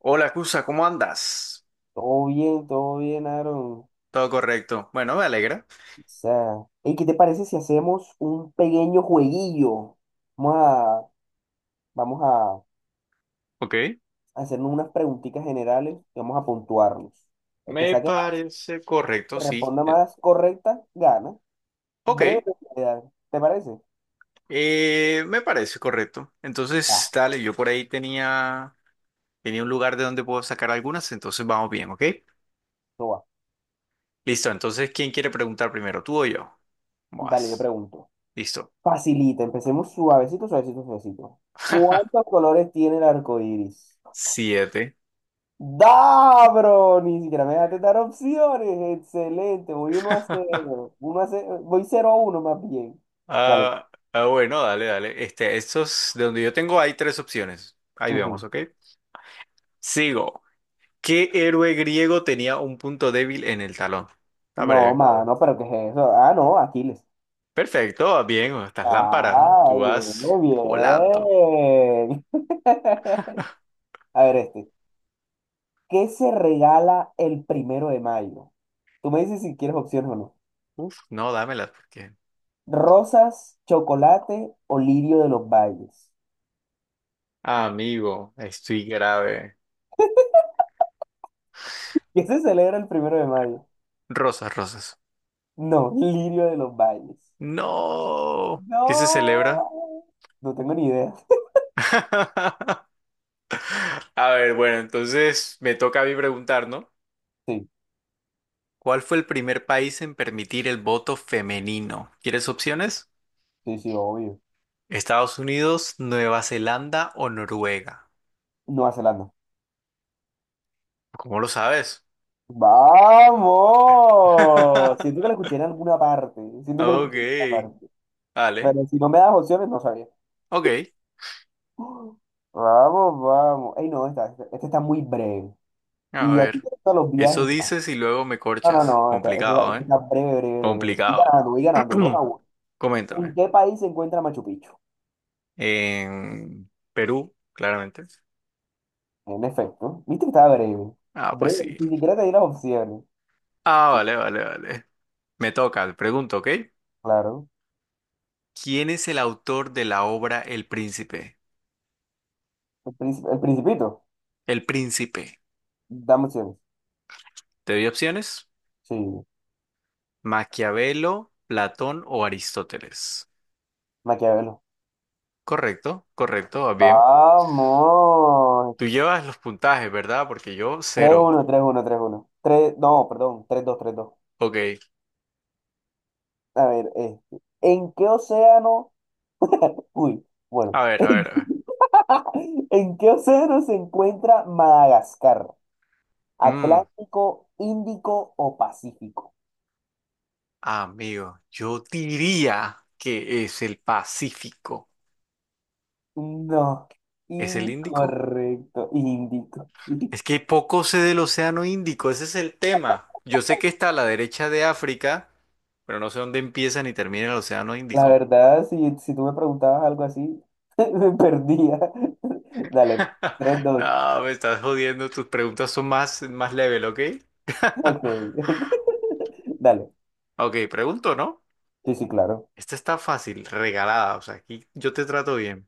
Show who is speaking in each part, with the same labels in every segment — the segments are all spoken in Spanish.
Speaker 1: Hola, Cusa, ¿cómo andas?
Speaker 2: Todo bien, Aaron. O
Speaker 1: Todo correcto. Bueno, me alegra.
Speaker 2: sea, ¿y qué te parece si hacemos un pequeño jueguillo? Vamos a, vamos a
Speaker 1: Ok.
Speaker 2: hacernos unas preguntitas generales y vamos a puntuarnos. El que
Speaker 1: Me
Speaker 2: saque más,
Speaker 1: parece correcto,
Speaker 2: que
Speaker 1: sí.
Speaker 2: responda más correcta, gana.
Speaker 1: Ok.
Speaker 2: Breve, realidad. ¿Te parece?
Speaker 1: Me parece correcto.
Speaker 2: Va,
Speaker 1: Entonces, dale, yo por ahí tenía un lugar de donde puedo sacar algunas, entonces vamos bien, ¿ok?
Speaker 2: eso va.
Speaker 1: Listo, entonces, ¿quién quiere preguntar primero, tú o yo?
Speaker 2: Dale, yo
Speaker 1: Vas.
Speaker 2: pregunto.
Speaker 1: Listo.
Speaker 2: Facilita, empecemos suavecito, suavecito, suavecito. ¿Cuántos colores tiene el arco iris?
Speaker 1: Siete.
Speaker 2: Da, bro, ni siquiera me dejaste dar opciones. Excelente, voy uno a cero, uno a cero, voy cero a uno más bien. Dale.
Speaker 1: Bueno, dale. Estos, de donde yo tengo hay tres opciones. Ahí vemos,
Speaker 2: Ujú.
Speaker 1: ¿ok? Sigo. ¿Qué héroe griego tenía un punto débil en el talón? Está
Speaker 2: No, dale,
Speaker 1: breve.
Speaker 2: mano, pero ¿qué es eso? Ah, no, Aquiles.
Speaker 1: Perfecto, bien, estas lámparas, ¿no?
Speaker 2: Ah,
Speaker 1: Tú vas
Speaker 2: bien,
Speaker 1: volando.
Speaker 2: bien. A ver. ¿Qué se regala el primero de mayo? Tú me dices si quieres opciones o no.
Speaker 1: Uf, no, dámelas porque.
Speaker 2: ¿Rosas, chocolate o lirio de los valles?
Speaker 1: Amigo, estoy grave.
Speaker 2: ¿Qué se celebra el primero de mayo?
Speaker 1: Rosas.
Speaker 2: No, lirio de los valles.
Speaker 1: No. ¿Qué se celebra?
Speaker 2: No. No tengo ni idea.
Speaker 1: A ver, bueno, entonces me toca a mí preguntar, ¿no?
Speaker 2: Sí,
Speaker 1: ¿Cuál fue el primer país en permitir el voto femenino? ¿Quieres opciones?
Speaker 2: sí, sí, obvio.
Speaker 1: ¿Estados Unidos, Nueva Zelanda o Noruega?
Speaker 2: Nueva Zelanda.
Speaker 1: ¿Cómo lo sabes?
Speaker 2: ¡Vamos! Siento que lo escuché en alguna parte. Siento que lo
Speaker 1: Ok,
Speaker 2: escuché en alguna parte.
Speaker 1: vale.
Speaker 2: Pero si no me das opciones, no sabía.
Speaker 1: Ok,
Speaker 2: Vamos, vamos. Ey, no, esta está muy breve.
Speaker 1: a
Speaker 2: Y a
Speaker 1: ver.
Speaker 2: ti te gustan los
Speaker 1: Eso
Speaker 2: viajes. Pa.
Speaker 1: dices y luego me
Speaker 2: No, no,
Speaker 1: corchas.
Speaker 2: no. Esta, esta-
Speaker 1: Complicado,
Speaker 2: esta
Speaker 1: ¿eh?
Speaker 2: está breve, breve, breve. Y
Speaker 1: Complicado.
Speaker 2: ganando, y ganando. Dos a uno.
Speaker 1: Coméntame.
Speaker 2: ¿En qué país se encuentra Machu Picchu?
Speaker 1: En Perú, claramente.
Speaker 2: En efecto. Viste que estaba breve.
Speaker 1: Ah, pues
Speaker 2: Breve.
Speaker 1: sí.
Speaker 2: Ni siquiera te di las opciones. Sí,
Speaker 1: Vale. Me toca, te pregunto, ¿ok?
Speaker 2: claro.
Speaker 1: ¿Quién es el autor de la obra El Príncipe?
Speaker 2: El Principito.
Speaker 1: El Príncipe.
Speaker 2: Dame opciones.
Speaker 1: ¿Te doy opciones?
Speaker 2: Sí,
Speaker 1: Maquiavelo, Platón o Aristóteles.
Speaker 2: Maquiavelo.
Speaker 1: Correcto, va bien. Tú
Speaker 2: Vamos.
Speaker 1: llevas los puntajes, ¿verdad? Porque yo
Speaker 2: Tres
Speaker 1: cero.
Speaker 2: uno, tres uno, tres uno, tres, no, perdón, tres dos, tres dos.
Speaker 1: Ok,
Speaker 2: A ver, ¿en qué océano? Uy, bueno.
Speaker 1: a ver.
Speaker 2: ¿En qué océano se encuentra Madagascar?
Speaker 1: Mm,
Speaker 2: ¿Atlántico, Índico o Pacífico?
Speaker 1: amigo, yo diría que es el Pacífico.
Speaker 2: No,
Speaker 1: ¿Es el Índico?
Speaker 2: incorrecto, Índico. Sí.
Speaker 1: Es que poco sé del Océano Índico, ese es el tema. Yo sé que está a la derecha de África, pero no sé dónde empieza ni termina el Océano
Speaker 2: La
Speaker 1: Índico.
Speaker 2: verdad, si tú me preguntabas algo así, me perdía. Dale, 3 dos,
Speaker 1: No, me estás jodiendo, tus preguntas son más level, ¿ok?
Speaker 2: ok. Dale,
Speaker 1: Ok, pregunto, ¿no?
Speaker 2: sí, sí, claro.
Speaker 1: Esta está fácil, regalada, o sea, aquí yo te trato bien.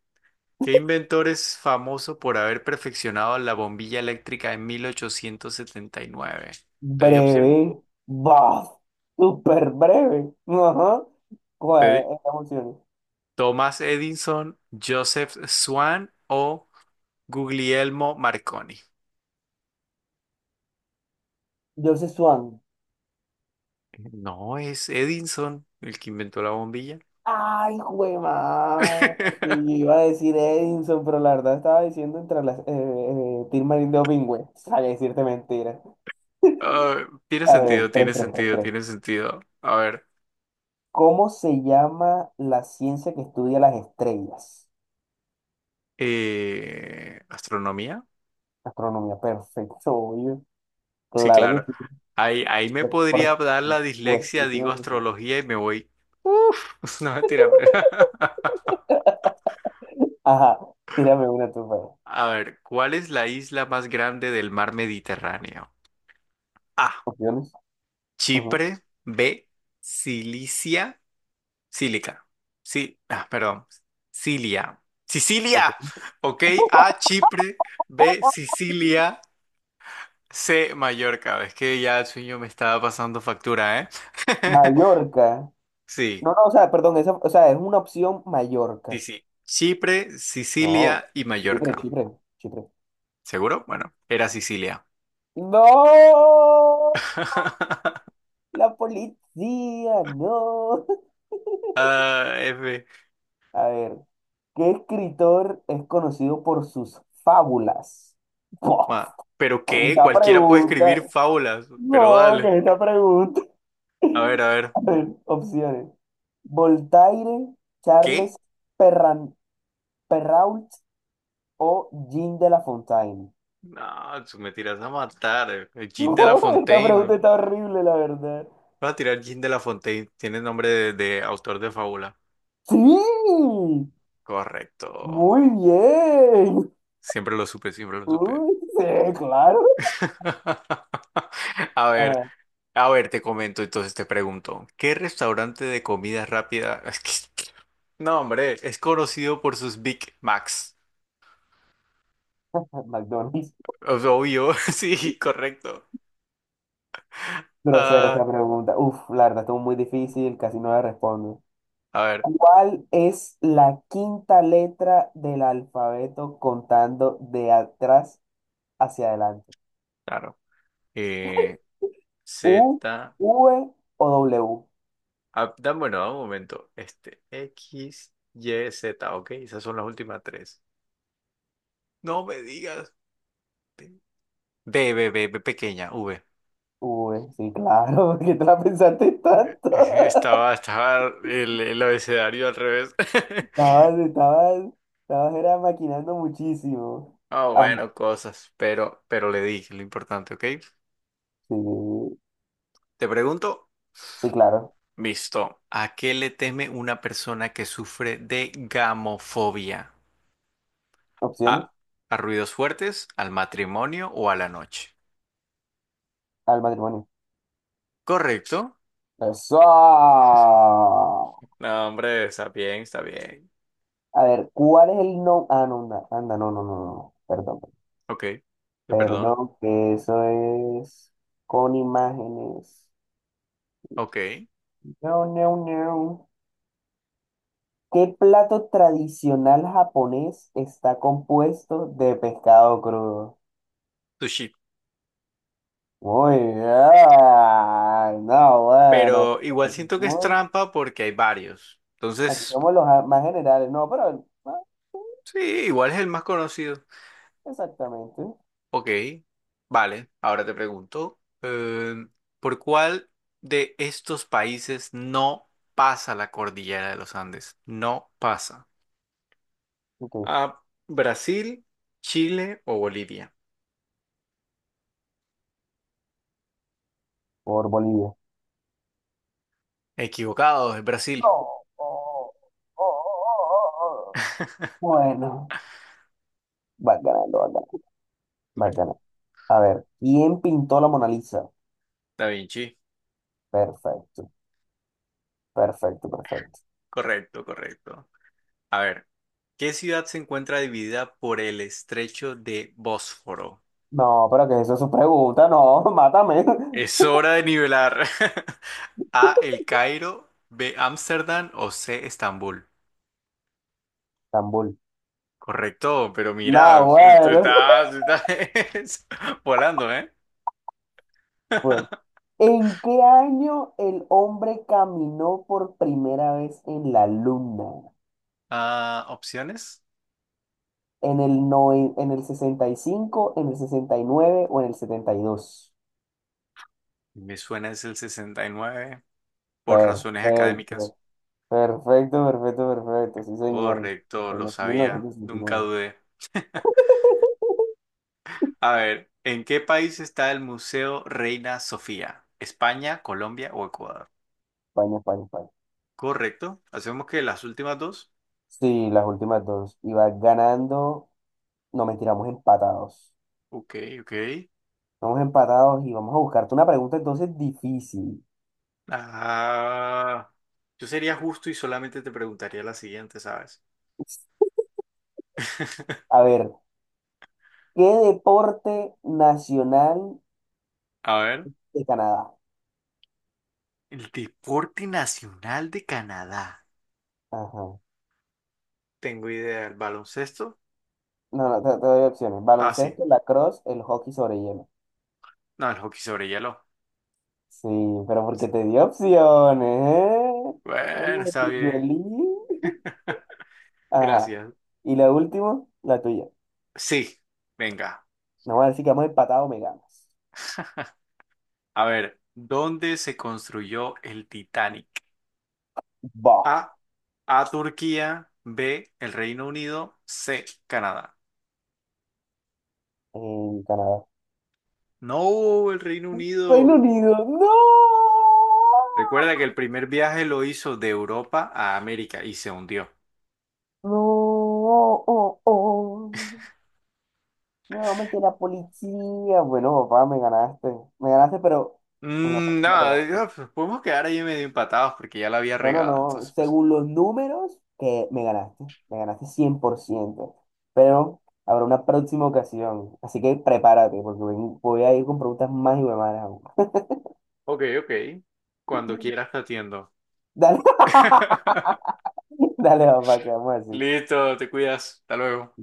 Speaker 1: ¿Qué inventor es famoso por haber perfeccionado la bombilla eléctrica en 1879? ¿Te di opción?
Speaker 2: Breve. ¡Buf! Súper breve. Ajá.
Speaker 1: Te
Speaker 2: ¿Cuál
Speaker 1: di-
Speaker 2: es la emoción?
Speaker 1: Thomas Edison, Joseph Swan o Guglielmo Marconi.
Speaker 2: Joseph Swan.
Speaker 1: No, es Edison el que inventó la bombilla.
Speaker 2: Ay, güey, madre. Y yo iba a decir Edison, pero la verdad estaba diciendo entre las Tilmarín de Opingüe. Sabía decirte mentira.
Speaker 1: Ah,
Speaker 2: A ver, tres tres, tres tres.
Speaker 1: tiene sentido. A ver,
Speaker 2: ¿Cómo se llama la ciencia que estudia las estrellas?
Speaker 1: ¿astronomía?
Speaker 2: Astronomía, perfecto, obvio.
Speaker 1: Sí,
Speaker 2: Claro que
Speaker 1: claro.
Speaker 2: sí.
Speaker 1: Ahí me
Speaker 2: Pero por
Speaker 1: podría dar la dislexia, digo
Speaker 2: supuestísimo que sí.
Speaker 1: astrología y me voy. Uf, no mentira, pero-
Speaker 2: Ajá, tírame una tú, pues.
Speaker 1: A ver, ¿cuál es la isla más grande del mar Mediterráneo? A.
Speaker 2: Opciones. Ujú,
Speaker 1: Chipre. B. Cilicia. Sílica. Sí, ah, perdón. Cilia. Sicilia.
Speaker 2: ok.
Speaker 1: Ok, A. Chipre. B. Sicilia. C. Mallorca. Es que ya el sueño me estaba pasando factura, ¿eh?
Speaker 2: Mallorca.
Speaker 1: Sí.
Speaker 2: No, no, o sea, perdón, esa, o sea, es una opción
Speaker 1: Sí,
Speaker 2: Mallorca.
Speaker 1: sí. Chipre,
Speaker 2: No,
Speaker 1: Sicilia y
Speaker 2: Chipre,
Speaker 1: Mallorca.
Speaker 2: Chipre, Chipre.
Speaker 1: ¿Seguro? Bueno, era Sicilia.
Speaker 2: ¡No! La policía, no.
Speaker 1: Ah, F.
Speaker 2: A ver, ¿qué escritor es conocido por sus fábulas?
Speaker 1: Ma, ¿pero qué?
Speaker 2: Esta
Speaker 1: Cualquiera puede
Speaker 2: pregunta.
Speaker 1: escribir fábulas, pero
Speaker 2: No, que
Speaker 1: dale.
Speaker 2: es esta pregunta.
Speaker 1: A ver.
Speaker 2: A ver, opciones. Voltaire, Charles
Speaker 1: ¿Qué?
Speaker 2: Perran, Perrault o Jean de la Fontaine.
Speaker 1: No, tú me tiras a matar. El Jean de la
Speaker 2: Esta
Speaker 1: Fontaine.
Speaker 2: pregunta está horrible, la verdad.
Speaker 1: Vas a tirar Jean de la Fontaine. Tiene nombre de autor de fábula.
Speaker 2: Sí,
Speaker 1: Correcto.
Speaker 2: muy bien.
Speaker 1: Siempre lo supe.
Speaker 2: Uy, sí, claro.
Speaker 1: A ver.
Speaker 2: Ajá,
Speaker 1: A ver, te comento, entonces te pregunto, ¿qué restaurante de comida rápida? Es que- No, hombre, es conocido por sus Big Macs.
Speaker 2: McDonald's.
Speaker 1: O obvio, sí, correcto.
Speaker 2: Grosera esta
Speaker 1: Ah,
Speaker 2: pregunta. Uf, la verdad, estuvo muy difícil, casi no la respondo.
Speaker 1: a ver,
Speaker 2: ¿Cuál es la quinta letra del alfabeto contando de atrás hacia adelante?
Speaker 1: claro. Eh,
Speaker 2: ¿U,
Speaker 1: Z,
Speaker 2: V o W?
Speaker 1: ah, da- bueno, da un momento. Este, X, Y, Z, ok, esas son las últimas tres. No me digas. B pequeña, V.
Speaker 2: V, sí, claro, porque te la pensaste tanto.
Speaker 1: Estaba el abecedario al revés.
Speaker 2: Estabas, estabas, estabas era maquinando muchísimo.
Speaker 1: Ah,
Speaker 2: Ajá,
Speaker 1: bueno, pero le dije lo importante, ¿ok?
Speaker 2: sí,
Speaker 1: Te pregunto,
Speaker 2: sí, claro.
Speaker 1: visto, ¿a qué le teme una persona que sufre de gamofobia?
Speaker 2: Opciones
Speaker 1: ¿A, a ruidos fuertes, al matrimonio o a la noche?
Speaker 2: al matrimonio.
Speaker 1: Correcto.
Speaker 2: ¡Eso!
Speaker 1: No, hombre, está bien.
Speaker 2: A ver, ¿cuál es el no? Ah, no, anda, anda, no, no, no, no, perdón.
Speaker 1: Ok, te perdono.
Speaker 2: Perdón, que eso es con imágenes.
Speaker 1: Ok,
Speaker 2: No, no, no. ¿Qué plato tradicional japonés está compuesto de pescado crudo?
Speaker 1: sushi.
Speaker 2: Muy bien. No, bueno.
Speaker 1: Pero igual siento que es
Speaker 2: Muy-
Speaker 1: trampa porque hay varios.
Speaker 2: Aquí
Speaker 1: Entonces,
Speaker 2: somos los más generales. No, pero
Speaker 1: sí, igual es el más conocido.
Speaker 2: exactamente.
Speaker 1: Ok, vale, ahora te pregunto, ¿por cuál de estos países no pasa la cordillera de los Andes? No pasa.
Speaker 2: Ok,
Speaker 1: A Brasil, Chile o Bolivia.
Speaker 2: por Bolivia.
Speaker 1: Equivocado, es
Speaker 2: No.
Speaker 1: Brasil.
Speaker 2: Oh, oh, oh, oh, oh. Bueno, va ganando, va ganando, va
Speaker 1: Br-
Speaker 2: ganando. A ver, ¿quién pintó la Mona Lisa?
Speaker 1: Da Vinci.
Speaker 2: Perfecto, perfecto, perfecto.
Speaker 1: Correcto. A ver, ¿qué ciudad se encuentra dividida por el estrecho de Bósforo?
Speaker 2: No, pero que eso es su pregunta, no, mátame.
Speaker 1: Es hora de nivelar. A, El Cairo, B, Ámsterdam o C, Estambul.
Speaker 2: Estambul.
Speaker 1: Correcto, pero mira,
Speaker 2: No,
Speaker 1: tú
Speaker 2: bueno.
Speaker 1: estás volando, ¿eh?
Speaker 2: Bueno, ¿en qué año el hombre caminó por primera vez en la luna?
Speaker 1: Ah, opciones.
Speaker 2: ¿En el, no, en el sesenta y cinco, en el 69 o en el setenta y dos?
Speaker 1: Me suena es el 69, por razones académicas.
Speaker 2: Perfecto, perfecto, perfecto, perfecto. Sí, señor.
Speaker 1: Correcto, lo sabía, nunca
Speaker 2: 1969.
Speaker 1: dudé. A ver, ¿en qué país está el Museo Reina Sofía? ¿España, Colombia o Ecuador?
Speaker 2: España, España, España.
Speaker 1: Correcto, hacemos que las últimas dos.
Speaker 2: Sí, las últimas dos. Iba ganando. No, mentira, vamos empatados.
Speaker 1: Ok, ok.
Speaker 2: Vamos empatados y vamos a buscarte una pregunta entonces difícil.
Speaker 1: Ah, yo sería justo y solamente te preguntaría la siguiente, ¿sabes?
Speaker 2: A ver, ¿qué deporte nacional
Speaker 1: A ver.
Speaker 2: de Canadá?
Speaker 1: El deporte nacional de Canadá.
Speaker 2: Ajá.
Speaker 1: Tengo idea, ¿el baloncesto?
Speaker 2: No, no, te doy opciones.
Speaker 1: Ah, sí.
Speaker 2: Baloncesto, lacrosse, el hockey sobre hielo.
Speaker 1: No, el hockey sobre hielo.
Speaker 2: Sí, pero porque te di opciones, ¿eh?
Speaker 1: Bueno, está bien.
Speaker 2: Pilluelí. Ajá.
Speaker 1: Gracias.
Speaker 2: Y la última, la tuya.
Speaker 1: Sí, venga.
Speaker 2: No vamos a decir que hemos empatado, me ganas.
Speaker 1: A ver, ¿dónde se construyó el Titanic?
Speaker 2: Bah,
Speaker 1: A. A Turquía. B. El Reino Unido. C. Canadá.
Speaker 2: en Canadá.
Speaker 1: No, el Reino
Speaker 2: Reino
Speaker 1: Unido.
Speaker 2: Unido, no.
Speaker 1: Recuerda que el primer viaje lo hizo de Europa a América y se hundió.
Speaker 2: No, oh, oh. Oh. No, me la policía. Bueno, papá, me ganaste. Me ganaste, pero en la
Speaker 1: Mm,
Speaker 2: próxima te
Speaker 1: no,
Speaker 2: ganaste.
Speaker 1: digo, pues, podemos quedar ahí medio empatados porque ya la había
Speaker 2: No, no,
Speaker 1: regado.
Speaker 2: no.
Speaker 1: Entonces, pues,
Speaker 2: Según los números, que me ganaste. Me ganaste 100%. Pero habrá una próxima ocasión. Así que prepárate, porque voy a ir con preguntas más y más.
Speaker 1: ok. Cuando quieras te atiendo.
Speaker 2: Dale, dale, papá, quedamos así.
Speaker 1: Listo, te cuidas. Hasta luego.